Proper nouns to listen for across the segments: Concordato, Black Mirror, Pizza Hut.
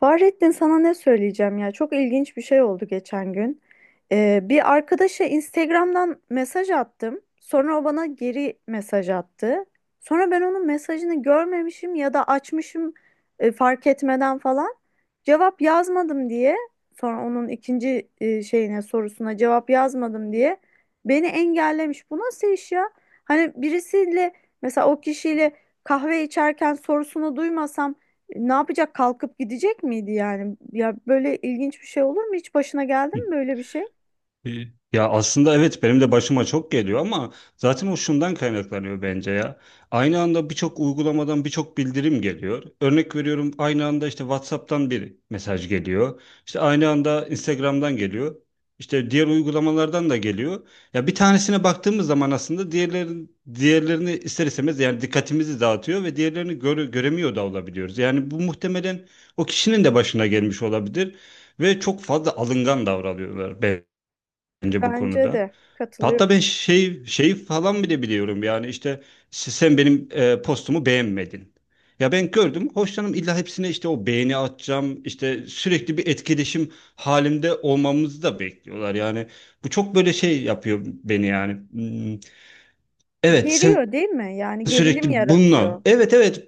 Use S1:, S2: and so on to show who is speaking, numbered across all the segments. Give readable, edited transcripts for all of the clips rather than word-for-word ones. S1: Fahrettin sana ne söyleyeceğim ya, çok ilginç bir şey oldu geçen gün. Bir arkadaşa Instagram'dan mesaj attım. Sonra o bana geri mesaj attı. Sonra ben onun mesajını görmemişim ya da açmışım, fark etmeden falan. Cevap yazmadım diye, sonra onun ikinci şeyine, sorusuna cevap yazmadım diye beni engellemiş. Bu nasıl iş ya? Hani birisiyle, mesela o kişiyle kahve içerken sorusunu duymasam ne yapacak? Kalkıp gidecek miydi yani? Ya böyle ilginç bir şey olur mu? Hiç başına geldi
S2: E,
S1: mi böyle bir şey?
S2: Ya aslında, evet, benim de başıma çok geliyor, ama zaten o şundan kaynaklanıyor bence ya. Aynı anda birçok uygulamadan birçok bildirim geliyor. Örnek veriyorum, aynı anda işte WhatsApp'tan bir mesaj geliyor. İşte aynı anda Instagram'dan geliyor. İşte diğer uygulamalardan da geliyor. Ya bir tanesine baktığımız zaman aslında diğerlerini ister istemez yani dikkatimizi dağıtıyor ve diğerlerini göremiyor da olabiliyoruz. Yani bu muhtemelen o kişinin de başına gelmiş olabilir ve çok fazla alıngan davranıyorlar bence bu
S1: Bence
S2: konuda.
S1: de
S2: Hatta ben
S1: katılıyorum.
S2: şey falan bile biliyorum, yani işte sen benim postumu beğenmedin. Ya ben gördüm hoşlanım, illa hepsine işte o beğeni atacağım, işte sürekli bir etkileşim halinde olmamızı da bekliyorlar yani. Bu çok böyle şey yapıyor beni yani. Hmm. Evet, sen
S1: Geriyor değil mi? Yani gerilim
S2: sürekli bununla.
S1: yaratıyor.
S2: Evet, evet.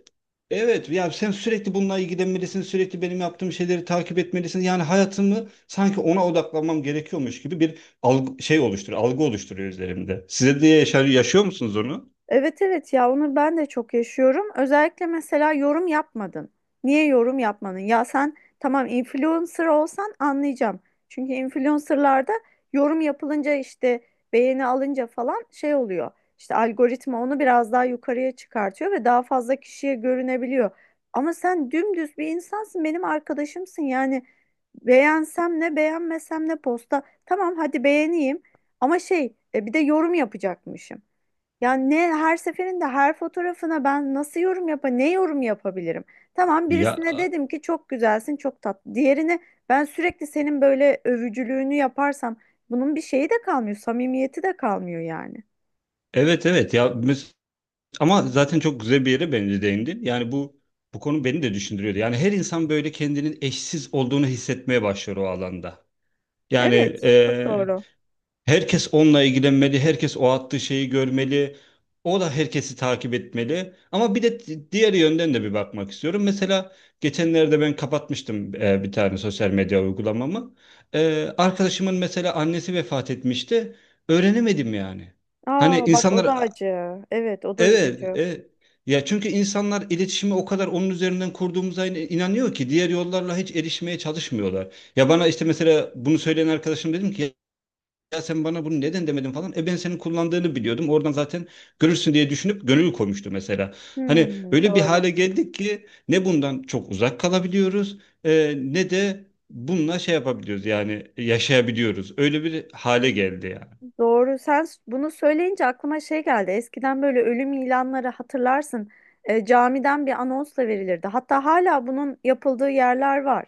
S2: Evet, ya sen sürekli bununla ilgilenmelisin. Sürekli benim yaptığım şeyleri takip etmelisin. Yani hayatımı sanki ona odaklanmam gerekiyormuş gibi bir algı, şey oluşturuyor. Algı oluşturuyor üzerimde. Size de yaşıyor musunuz onu?
S1: Evet evet, ya onu ben de çok yaşıyorum. Özellikle mesela yorum yapmadın. Niye yorum yapmadın? Ya sen tamam, influencer olsan anlayacağım. Çünkü influencerlarda yorum yapılınca işte, beğeni alınca falan şey oluyor. İşte algoritma onu biraz daha yukarıya çıkartıyor ve daha fazla kişiye görünebiliyor. Ama sen dümdüz bir insansın, benim arkadaşımsın. Yani beğensem ne, beğenmesem ne posta. Tamam hadi beğeneyim, ama şey, bir de yorum yapacakmışım. Ya ne, her seferinde her fotoğrafına ben nasıl yorum ne yorum yapabilirim? Tamam
S2: Ya
S1: birisine dedim ki çok güzelsin, çok tatlı. Diğerine ben sürekli senin böyle övücülüğünü yaparsam bunun bir şeyi de kalmıyor, samimiyeti de kalmıyor yani.
S2: evet, evet, ya ama zaten çok güzel bir yere bence değindin. Yani bu bu konu beni de düşündürüyordu. Yani her insan böyle kendinin eşsiz olduğunu hissetmeye başlıyor o alanda. Yani
S1: Evet, çok doğru.
S2: herkes onunla ilgilenmeli, herkes o attığı şeyi görmeli. O da herkesi takip etmeli. Ama bir de diğer yönden de bir bakmak istiyorum. Mesela geçenlerde ben kapatmıştım bir tane sosyal medya uygulamamı. E, arkadaşımın mesela annesi vefat etmişti. Öğrenemedim yani. Hani
S1: Aa bak, o
S2: insanlar
S1: da acı. Evet, o da
S2: evet,
S1: üzücü.
S2: evet. Ya çünkü insanlar iletişimi o kadar onun üzerinden kurduğumuza inanıyor ki diğer yollarla hiç erişmeye çalışmıyorlar. Ya bana işte mesela bunu söyleyen arkadaşım, dedim ki ya sen bana bunu neden demedin falan. E ben senin kullandığını biliyordum. Oradan zaten görürsün diye düşünüp gönül koymuştu mesela. Hani
S1: Hmm,
S2: öyle bir
S1: doğru.
S2: hale geldik ki ne bundan çok uzak kalabiliyoruz ne de bununla şey yapabiliyoruz yani yaşayabiliyoruz. Öyle bir hale geldi yani.
S1: Doğru. Bunu söyleyince aklıma şey geldi. Eskiden böyle ölüm ilanları hatırlarsın. Camiden bir anonsla verilirdi. Hatta hala bunun yapıldığı yerler var.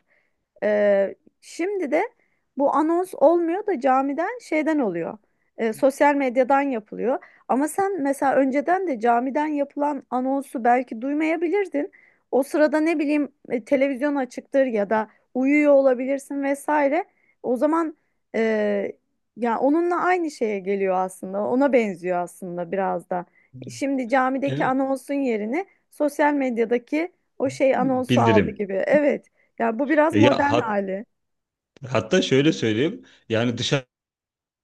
S1: E, Şimdi de bu anons olmuyor da camiden, şeyden oluyor. Sosyal medyadan yapılıyor. Ama sen mesela önceden de camiden yapılan anonsu belki duymayabilirdin. O sırada ne bileyim, televizyon açıktır ya da uyuyor olabilirsin vesaire. O zaman ya onunla aynı şeye geliyor aslında. Ona benziyor aslında biraz da. Şimdi camideki
S2: Evet.
S1: anonsun yerine sosyal medyadaki o şey anonsu aldı
S2: Bildirim.
S1: gibi. Evet. Ya bu biraz
S2: Ya
S1: modern hali.
S2: hatta şöyle söyleyeyim. Yani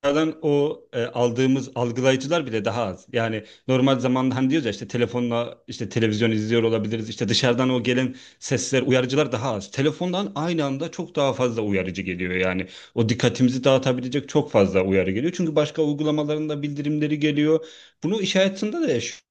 S2: dünyadan o aldığımız algılayıcılar bile daha az. Yani normal zamanda hani diyoruz ya, işte telefonla işte televizyon izliyor olabiliriz. İşte dışarıdan o gelen sesler, uyarıcılar daha az. Telefondan aynı anda çok daha fazla uyarıcı geliyor yani. O dikkatimizi dağıtabilecek çok fazla uyarı geliyor. Çünkü başka uygulamalarında bildirimleri geliyor. Bunu iş hayatında da yaşıyoruz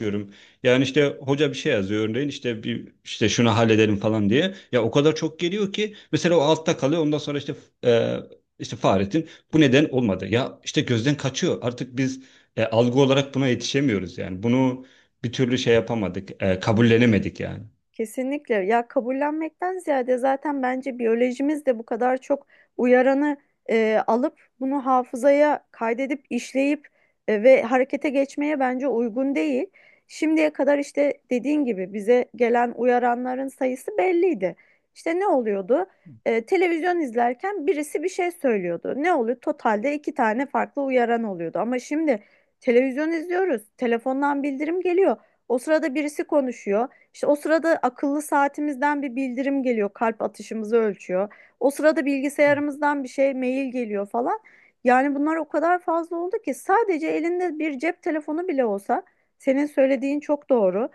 S2: diyorum. Yani işte hoca bir şey yazıyor örneğin, işte bir işte şunu halledelim falan diye. Ya o kadar çok geliyor ki mesela o altta kalıyor. Ondan sonra işte e, işte Fahrettin bu neden olmadı. Ya işte gözden kaçıyor. Artık biz algı olarak buna yetişemiyoruz yani. Bunu bir türlü şey yapamadık. Kabullenemedik yani.
S1: Kesinlikle, ya kabullenmekten ziyade zaten bence biyolojimiz de bu kadar çok uyaranı alıp bunu hafızaya kaydedip işleyip ve harekete geçmeye bence uygun değil. Şimdiye kadar işte dediğin gibi bize gelen uyaranların sayısı belliydi. İşte ne oluyordu? Televizyon izlerken birisi bir şey söylüyordu. Ne oluyor? Totalde iki tane farklı uyaran oluyordu. Ama şimdi televizyon izliyoruz, telefondan bildirim geliyor. O sırada birisi konuşuyor. İşte o sırada akıllı saatimizden bir bildirim geliyor, kalp atışımızı ölçüyor. O sırada bilgisayarımızdan bir şey, mail geliyor falan. Yani bunlar o kadar fazla oldu ki sadece elinde bir cep telefonu bile olsa senin söylediğin çok doğru.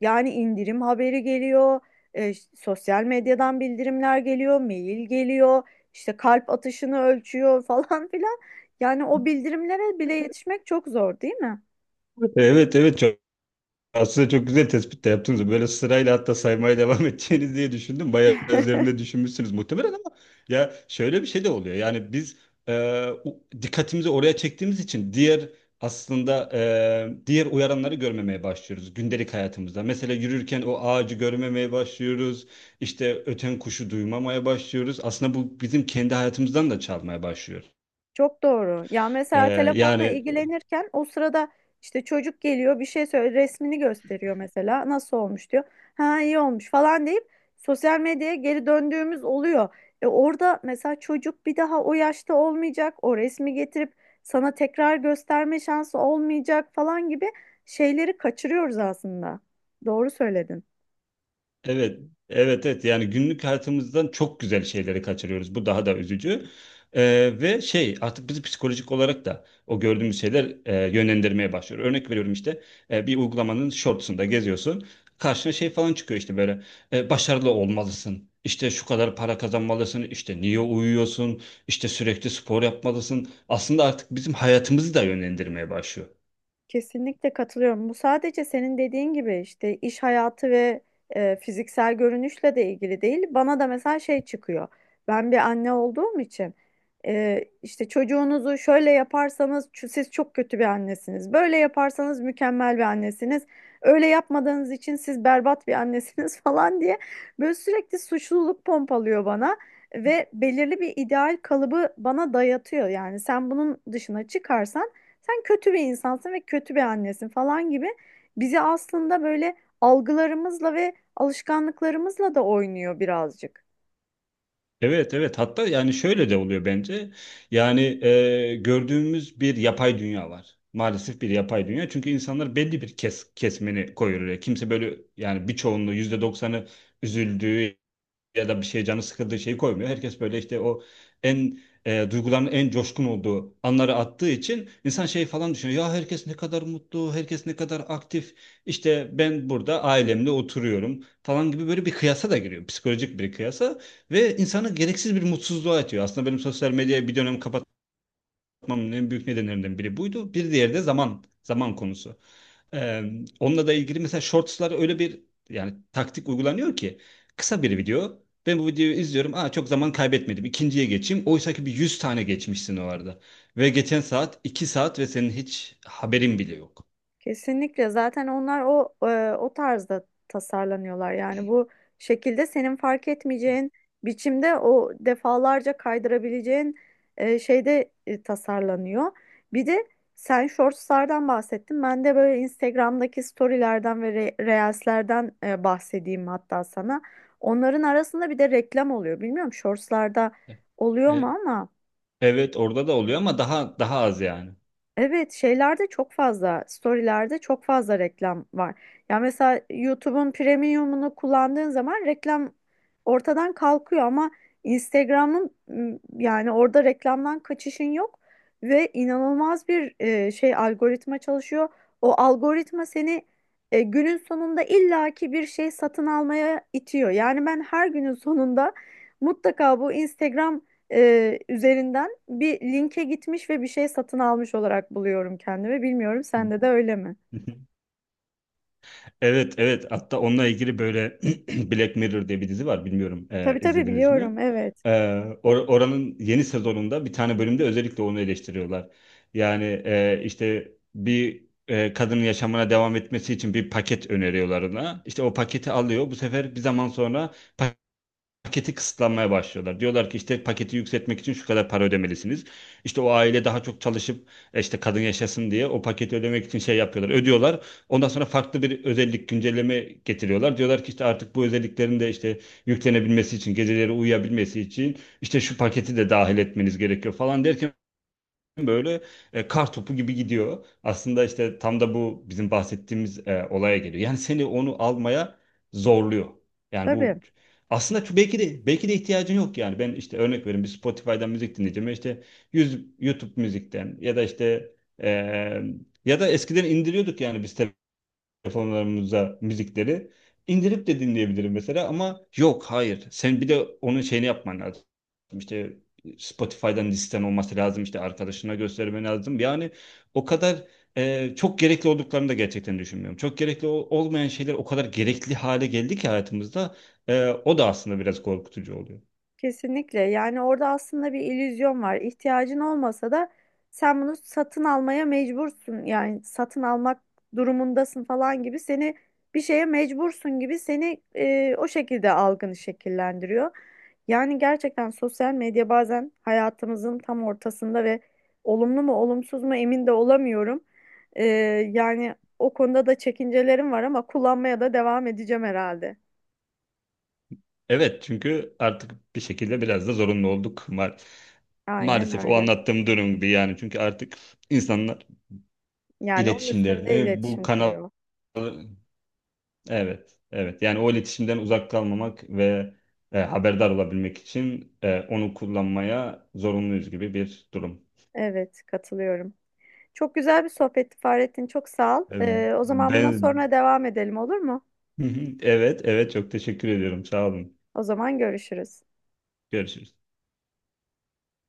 S1: Yani indirim haberi geliyor, sosyal medyadan bildirimler geliyor, mail geliyor, işte kalp atışını ölçüyor falan filan. Yani o bildirimlere bile yetişmek çok zor, değil mi?
S2: Evet, evet. Aslında çok güzel tespit de yaptınız. Böyle sırayla hatta saymaya devam edeceğiniz diye düşündüm. Bayağı üzerinde düşünmüşsünüz muhtemelen, ama ya şöyle bir şey de oluyor. Yani biz e, dikkatimizi oraya çektiğimiz için aslında, diğer uyaranları görmemeye başlıyoruz gündelik hayatımızda. Mesela yürürken o ağacı görmemeye başlıyoruz. İşte öten kuşu duymamaya başlıyoruz. Aslında bu bizim kendi hayatımızdan da çalmaya başlıyor.
S1: Çok doğru. Ya
S2: E,
S1: mesela telefonla
S2: Yani.
S1: ilgilenirken o sırada işte çocuk geliyor, bir şey söyle resmini gösteriyor, mesela nasıl olmuş diyor. Ha iyi olmuş falan deyip sosyal medyaya geri döndüğümüz oluyor. E orada mesela çocuk bir daha o yaşta olmayacak. O resmi getirip sana tekrar gösterme şansı olmayacak falan gibi şeyleri kaçırıyoruz aslında. Doğru söyledin.
S2: Evet, evet, evet. Yani günlük hayatımızdan çok güzel şeyleri kaçırıyoruz. Bu daha da üzücü. Ve şey artık bizi psikolojik olarak da o gördüğümüz şeyler yönlendirmeye başlıyor. Örnek veriyorum, işte bir uygulamanın shortsunda geziyorsun. Karşına şey falan çıkıyor, işte böyle başarılı olmalısın. İşte şu kadar para kazanmalısın. İşte niye uyuyorsun? İşte sürekli spor yapmalısın. Aslında artık bizim hayatımızı da yönlendirmeye başlıyor.
S1: Kesinlikle katılıyorum. Bu sadece senin dediğin gibi işte iş hayatı ve fiziksel görünüşle de ilgili değil. Bana da mesela şey çıkıyor. Ben bir anne olduğum için işte çocuğunuzu şöyle yaparsanız siz çok kötü bir annesiniz. Böyle yaparsanız mükemmel bir annesiniz. Öyle yapmadığınız için siz berbat bir annesiniz falan diye böyle sürekli suçluluk pompalıyor bana ve belirli bir ideal kalıbı bana dayatıyor. Yani sen bunun dışına çıkarsan sen kötü bir insansın ve kötü bir annesin falan gibi bizi aslında böyle algılarımızla ve alışkanlıklarımızla da oynuyor birazcık.
S2: Evet, evet, hatta yani şöyle de oluyor bence. Yani gördüğümüz bir yapay dünya var. Maalesef bir yapay dünya. Çünkü insanlar belli bir kesmeni koyuyor oraya. Kimse böyle yani birçoğunluğu %90'ı üzüldüğü ya da bir şey canı sıkıldığı şeyi koymuyor. Herkes böyle işte o en duyguların en coşkun olduğu anları attığı için insan şey falan düşünüyor. Ya herkes ne kadar mutlu, herkes ne kadar aktif. İşte ben burada ailemle oturuyorum falan gibi böyle bir kıyasa da giriyor. Psikolojik bir kıyasa ve insanı gereksiz bir mutsuzluğa atıyor. Aslında benim sosyal medyayı bir dönem yapmamın en büyük nedenlerinden biri buydu. Bir diğeri de zaman konusu. Ee, Onunla da ilgili, mesela shortslar öyle bir yani taktik uygulanıyor ki, kısa bir video. Ben bu videoyu izliyorum. Aa, çok zaman kaybetmedim. İkinciye geçeyim. Oysa ki bir 100 tane geçmişsin o arada. Ve geçen saat 2 saat ve senin hiç haberin bile yok.
S1: Kesinlikle, zaten onlar o o tarzda tasarlanıyorlar. Yani bu şekilde senin fark etmeyeceğin biçimde, o defalarca kaydırabileceğin şeyde tasarlanıyor. Bir de sen shortslardan bahsettin. Ben de böyle Instagram'daki storylerden ve reelslerden bahsedeyim hatta sana. Onların arasında bir de reklam oluyor. Bilmiyorum shortslarda
S2: E,
S1: oluyor mu
S2: e,
S1: ama.
S2: Evet orada da oluyor ama daha daha az yani.
S1: Evet, şeylerde çok fazla, storylerde çok fazla reklam var. Ya mesela YouTube'un premiumunu kullandığın zaman reklam ortadan kalkıyor, ama Instagram'ın yani orada reklamdan kaçışın yok ve inanılmaz bir şey algoritma çalışıyor. O algoritma seni günün sonunda illaki bir şey satın almaya itiyor. Yani ben her günün sonunda mutlaka bu Instagram üzerinden bir linke gitmiş ve bir şey satın almış olarak buluyorum kendimi. Bilmiyorum sende de öyle mi?
S2: Evet, evet, hatta onunla ilgili böyle Black Mirror diye bir dizi var, bilmiyorum
S1: Tabii tabii,
S2: izlediniz mi?
S1: biliyorum, evet.
S2: E, Oranın yeni sezonunda bir tane bölümde özellikle onu eleştiriyorlar. Yani işte bir kadının yaşamına devam etmesi için bir paket öneriyorlar ona. İşte o paketi alıyor, bu sefer bir zaman sonra paketi kısıtlanmaya başlıyorlar. Diyorlar ki işte paketi yükseltmek için şu kadar para ödemelisiniz. İşte o aile daha çok çalışıp işte kadın yaşasın diye o paketi ödemek için şey yapıyorlar. Ödüyorlar. Ondan sonra farklı bir özellik, güncelleme getiriyorlar. Diyorlar ki işte artık bu özelliklerin de işte yüklenebilmesi için, geceleri uyuyabilmesi için işte şu paketi de dahil etmeniz gerekiyor falan derken böyle kar topu gibi gidiyor. Aslında işte tam da bu bizim bahsettiğimiz olaya geliyor. Yani seni onu almaya zorluyor. Yani
S1: Tabii.
S2: bu aslında çok, belki de ihtiyacın yok yani. Ben işte örnek vereyim, bir Spotify'dan müzik dinleyeceğim. İşte YouTube müzikten ya da işte e, ya da eskiden indiriyorduk yani biz telefonlarımıza müzikleri indirip de dinleyebilirim mesela, ama yok hayır, sen bir de onun şeyini yapman lazım, işte Spotify'dan listen olması lazım, işte arkadaşına göstermen lazım yani. O kadar çok gerekli olduklarını da gerçekten düşünmüyorum, çok gerekli olmayan şeyler o kadar gerekli hale geldi ki hayatımızda, o da aslında biraz korkutucu oluyor.
S1: Kesinlikle. Yani orada aslında bir illüzyon var. İhtiyacın olmasa da sen bunu satın almaya mecbursun. Yani satın almak durumundasın falan gibi, seni bir şeye mecbursun gibi seni o şekilde algını şekillendiriyor. Yani gerçekten sosyal medya bazen hayatımızın tam ortasında ve olumlu mu olumsuz mu emin de olamıyorum. E, Yani o konuda da çekincelerim var ama kullanmaya da devam edeceğim herhalde.
S2: Evet, çünkü artık bir şekilde biraz da zorunlu olduk,
S1: Aynen
S2: maalesef o
S1: öyle.
S2: anlattığım durum gibi, yani çünkü artık insanlar
S1: Yani onun üstünde
S2: iletişimlerini bu
S1: iletişim
S2: kanal.
S1: kuruyor.
S2: Evet, evet. Yani o iletişimden uzak kalmamak ve haberdar olabilmek için onu kullanmaya zorunluyuz gibi bir durum.
S1: Evet, katılıyorum. Çok güzel bir sohbetti Fahrettin. Çok sağ ol.
S2: E,
S1: O zaman bundan
S2: Ben
S1: sonra devam edelim, olur mu?
S2: evet, evet, çok teşekkür ediyorum. Sağ olun.
S1: O zaman görüşürüz.
S2: Görüşürüz.